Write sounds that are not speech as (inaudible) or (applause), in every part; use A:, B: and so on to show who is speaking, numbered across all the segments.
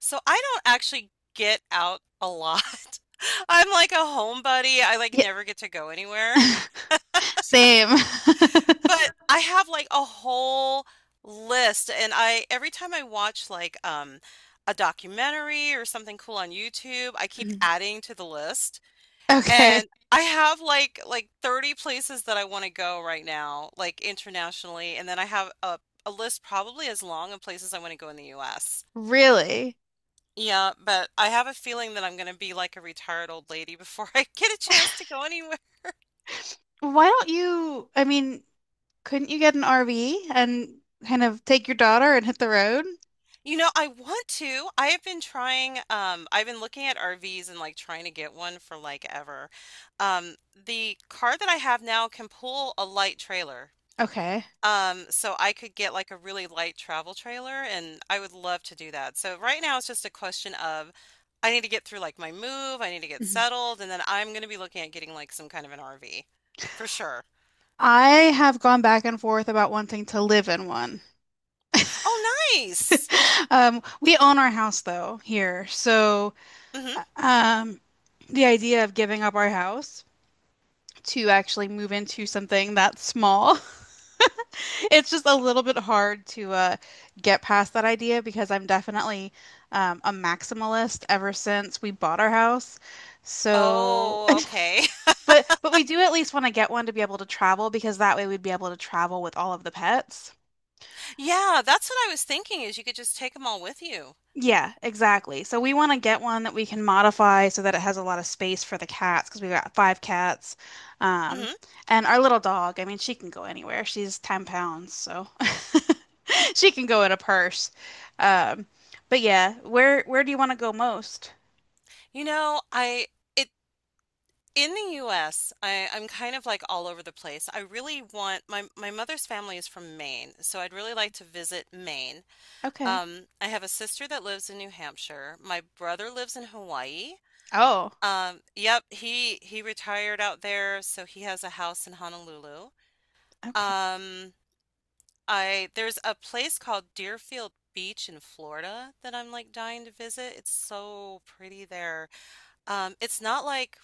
A: So I don't actually get out a lot. (laughs) I'm like a homebody. I like
B: Yeah.
A: never get to go anywhere. (laughs)
B: (laughs) Same. (laughs)
A: But I have like a whole list and I every time I watch like a documentary or something cool on YouTube, I keep
B: Mhm.
A: adding to the list.
B: Okay.
A: And I have like 30 places that I want to go right now, like internationally, and then I have a list probably as long of places I want to go in the US.
B: Really?
A: Yeah, but I have a feeling that I'm gonna be like a retired old lady before (laughs) I get a chance to go anywhere.
B: Why don't you, I mean, couldn't you get an RV and kind of take your daughter and hit the road?
A: You know, I want to. I have been trying, I've been looking at RVs and like trying to get one for like ever. Um, the car that I have now can pull a light trailer.
B: Okay.
A: So I could get like a really light travel trailer and I would love to do that. So right now it's just a question of I need to get through like my move, I need to get
B: Mhm.
A: settled, and then I'm gonna be looking at getting like some kind of an RV for sure.
B: I have gone back and forth about wanting to live in one.
A: Oh,
B: (laughs)
A: nice.
B: We own our house though here, so
A: Mhm.
B: uh, um, the idea of giving up our house to actually move into something that small. (laughs) It's just a little bit hard to get past that idea because I'm definitely a maximalist ever since we bought our house. So,
A: Oh, okay. (laughs)
B: (laughs) but we do at least want to get one to be able to travel because that way we'd be able to travel with all of the pets.
A: Yeah, that's what I was thinking is you could just take them all with you.
B: Yeah, exactly. So we want to get one that we can modify so that it has a lot of space for the cats because we've got five cats. Um,
A: Mhm.
B: and our little dog, I mean, she can go anywhere. She's 10 pounds, so (laughs) she can go in a purse. Um, but yeah, where do you want to go most?
A: You know, I it in the US, I'm kind of like all over the place. I really want my My mother's family is from Maine, so I'd really like to visit Maine.
B: Okay.
A: I have a sister that lives in New Hampshire. My brother lives in Hawaii.
B: Oh,
A: Yep, he retired out there, so he has a house in Honolulu.
B: okay.
A: Um, I There's a place called Deerfield Beach in Florida that I'm like dying to visit. It's so pretty there. It's not like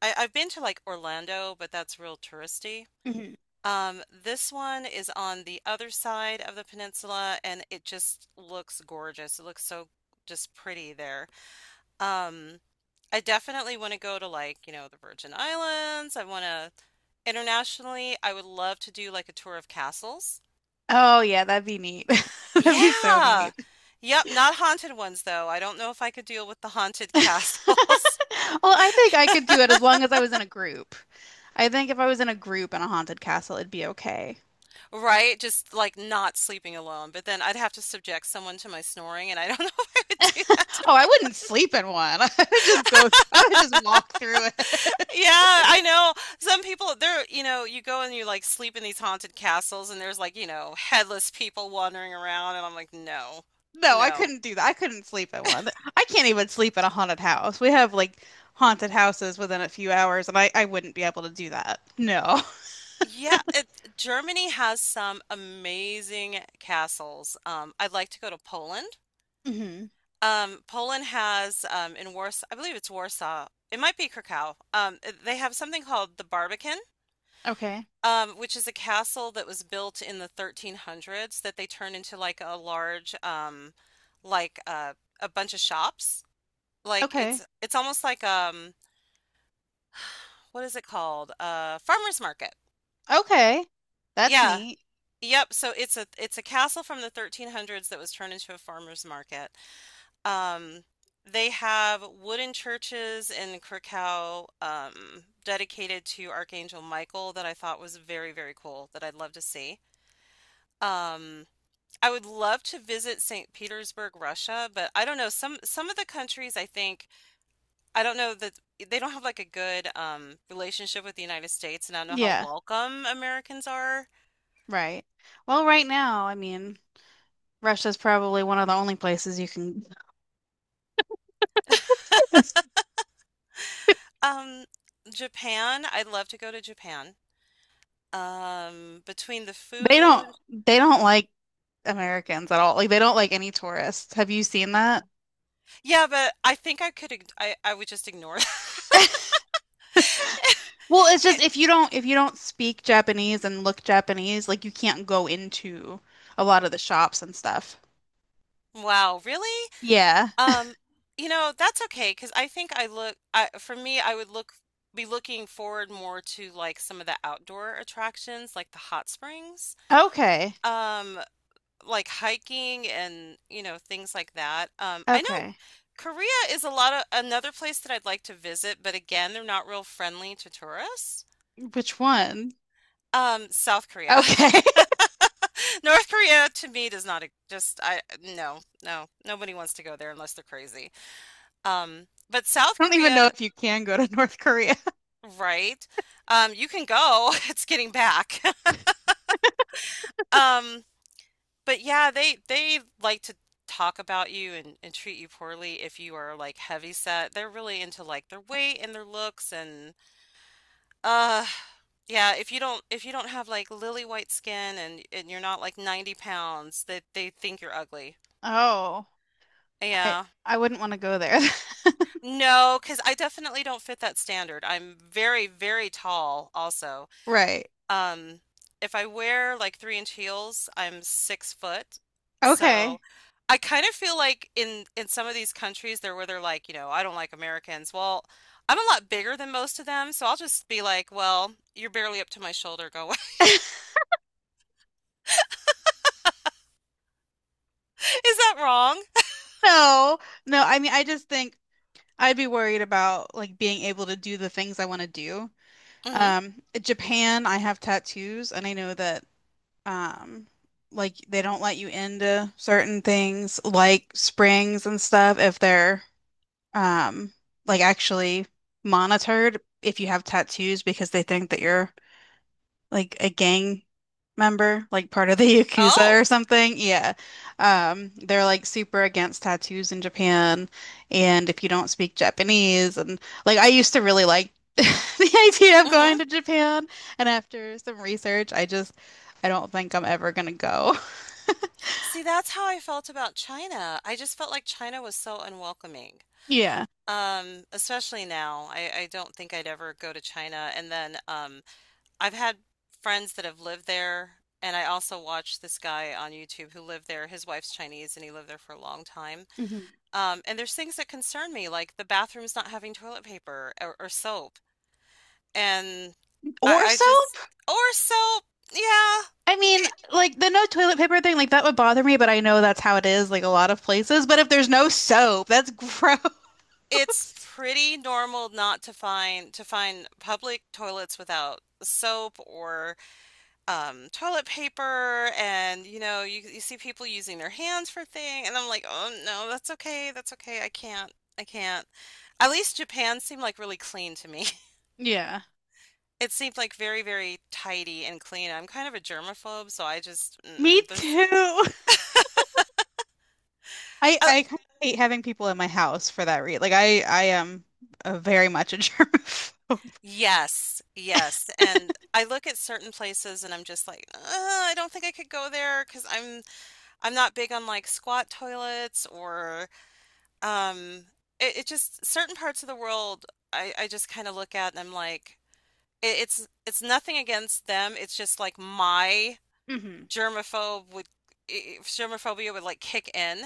A: I've been to like Orlando, but that's real touristy.
B: Mhm.
A: This one is on the other side of the peninsula, and it just looks gorgeous. It looks so just pretty there. Um, I definitely want to go to like, the Virgin Islands. I want to Internationally, I would love to do like a tour of castles.
B: Oh yeah, that'd be neat. (laughs) That'd be so
A: Yeah.
B: neat.
A: Yep, not haunted ones though. I don't know if I could deal with the haunted
B: (laughs)
A: castles,
B: Well, I think I could do it as long as I was in a group. I think if I was in a group in a haunted castle, it'd be okay.
A: (laughs) right? Just like not sleeping alone. But then I'd have to subject someone to my snoring, and I don't (laughs) know if I would do that.
B: Oh, I
A: (laughs)
B: wouldn't sleep in one. (laughs) I would just walk through it. (laughs)
A: Yeah, I know. Some people, they're, you go and you like sleep in these haunted castles, and there's like, headless people wandering around, and I'm like, no,
B: No, I
A: no.
B: couldn't do that. I couldn't sleep in one. I can't even sleep in a haunted house. We have like haunted houses within a few hours, and I wouldn't be able to do that. No.
A: Yeah, Germany has some amazing castles. I'd like to go to Poland.
B: (laughs) hmm
A: Poland has in Warsaw, I believe it's Warsaw. It might be Krakow. They have something called the Barbican,
B: Okay.
A: which is a castle that was built in the 1300s that they turned into like a large, like a bunch of shops. Like
B: Okay.
A: it's almost like what is it called? Farmer's market.
B: Okay. That's
A: Yeah.
B: neat.
A: Yep. So it's a castle from the 1300s that was turned into a farmer's market. Um, they have wooden churches in Krakow, dedicated to Archangel Michael that I thought was very, very cool that I'd love to see. Um, I would love to visit St. Petersburg, Russia, but I don't know. Some of the countries I think I don't know that they don't have like a good relationship with the United States, and I don't know how
B: Yeah,
A: welcome Americans are.
B: right. Well, right now, Russia's probably one of the only places you can (laughs) they
A: Um, Japan, I'd love to go to Japan. Between the food.
B: don't like Americans at all. Like they don't like any tourists. Have you seen that?
A: Yeah, but I think I could ig- I would just ignore that.
B: (laughs) Well,
A: (laughs)
B: it's
A: Yeah.
B: just if you don't speak Japanese and look Japanese, like you can't go into a lot of the shops and stuff.
A: Wow, really?
B: Yeah.
A: Um, you know, that's okay because I think I look I for me I would look be looking forward more to like some of the outdoor attractions like the hot springs,
B: Okay.
A: um, like hiking and, things like that. I know
B: Okay.
A: Korea is a lot of another place that I'd like to visit, but again, they're not real friendly to tourists.
B: Which one?
A: South Korea.
B: Okay. (laughs)
A: (laughs)
B: I
A: North Korea to me does not e- just I no no nobody wants to go there unless they're crazy. But South
B: don't even know
A: Korea,
B: if you can go to North Korea.
A: right? You can go. (laughs) It's getting back. (laughs) Um, but yeah, they like to talk about you and treat you poorly if you are like heavy set. They're really into like their weight and their looks and uh yeah, if you don't have like lily white skin and you're not like 90 pounds, that they think you're ugly.
B: Oh, I
A: Yeah.
B: I wouldn't want to go there. (laughs)
A: No, because I definitely don't fit that standard. I'm very, very tall also.
B: Right.
A: Um, if I wear like 3 inch heels, I'm 6 foot.
B: Okay.
A: So I kind of feel like in some of these countries they're where they're like, I don't like Americans. Well, I'm a lot bigger than most of them, so I'll just be like, well, you're barely up to my shoulder. Go away. (laughs) Is that wrong?
B: No. No, I mean I just think I'd be worried about like being able to do the things I want to do.
A: Hmm.
B: Japan, I have tattoos and I know that um like they don't let you into certain things like springs and stuff if they're um like actually monitored if you have tattoos because they think that you're like a gang member, like part of the (laughs) Yakuza or
A: Oh.
B: something. Yeah. They're like super against tattoos in Japan. And if you don't speak Japanese, and like I used to really like (laughs) the idea of
A: Hmm.
B: going to Japan. And after some research, I don't think I'm ever gonna go. (laughs)
A: See, that's how I felt about China. I just felt like China was so unwelcoming.
B: Yeah.
A: Especially now. I don't think I'd ever go to China. And then I've had friends that have lived there, and I also watched this guy on YouTube who lived there. His wife's Chinese, and he lived there for a long time.
B: Mhm.
A: And there's things that concern me, like the bathrooms not having toilet paper or soap. And
B: Or
A: I just,
B: soap?
A: or soap, yeah.
B: I mean,
A: It,
B: like the no toilet paper thing, like that would bother me, but I know that's how it is, like a lot of places. But if there's no soap, that's gross.
A: it's pretty normal not to find public toilets without soap or toilet paper and you know you see people using their hands for thing and I'm like, "Oh no, that's okay. That's okay. I can't. I can't." At least Japan seemed like really clean to me. (laughs)
B: (laughs) Yeah.
A: It seemed like very, very tidy and clean. I'm kind of a germaphobe, so I just
B: Me
A: mm-mm, there's.
B: too. (laughs) I
A: Oh
B: I kind of hate having people in my house for that reason. Like I am very much a (laughs) germaphobe.
A: yes, yes. And I look at certain places and I'm just like, I don't think I could go there because I'm not big on like squat toilets or. Um, it, it just certain parts of the world I just kind of look at and I'm like, it's nothing against them. It's just like my
B: Hmm
A: germaphobe would germophobia would like kick in,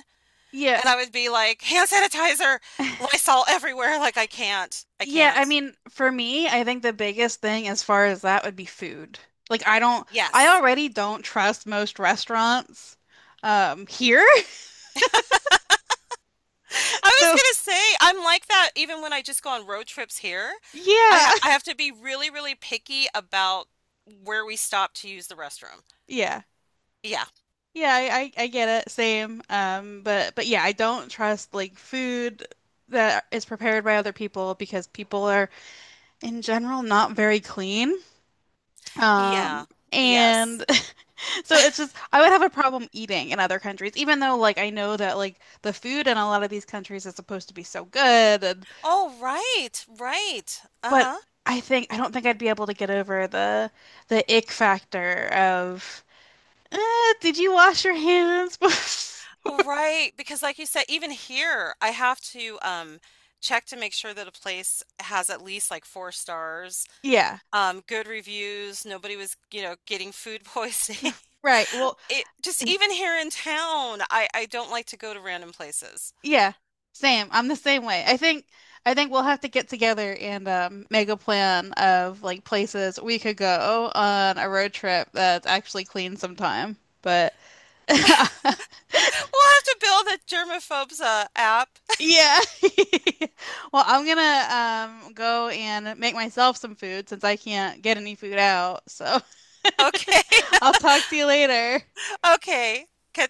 B: Yeah.
A: and I would be like, hand sanitizer,
B: (laughs)
A: Lysol everywhere. Like I can't, I
B: Yeah, I
A: can't.
B: mean, for me, I think the biggest thing as far as that would be food. Like I don't I
A: Yes.
B: already don't trust most restaurants here.
A: I was
B: So
A: gonna say I'm like that even when I just go on road trips here.
B: yeah,
A: I have to be really, really picky about where we stop to use the restroom.
B: yeah,
A: Yeah.
B: yeah. I get it. Same. But yeah, I don't trust like food that is prepared by other people because people are in general not very clean. Um,
A: Yeah.
B: and
A: Yes.
B: (laughs) so it's just I would have a problem eating in other countries, even though like I know that like the food in a lot of these countries is supposed to be so good, and,
A: Oh, right, right.
B: but
A: Uh-huh.
B: I don't think I'd be able to get over the ick factor of. uh, did you wash your hands? (laughs)
A: Right, because like you said, even here, I have to check to make sure that a place has at least like 4 stars,
B: yeah,
A: good reviews, nobody was, getting food poisoning. (laughs)
B: right. Well,
A: It just even here in town, I don't like to go to random places.
B: yeah, same. I'm the same way. I think we'll have to get together and make a plan of like places we could go on a road trip that's actually clean sometime. But (laughs)
A: (laughs) We'll have to build a germaphobes app. (laughs)
B: yeah. (laughs) Well, I'm gonna go and make myself some food since I can't get any food out. So
A: Okay,
B: (laughs) I'll talk to you later.
A: (laughs) okay.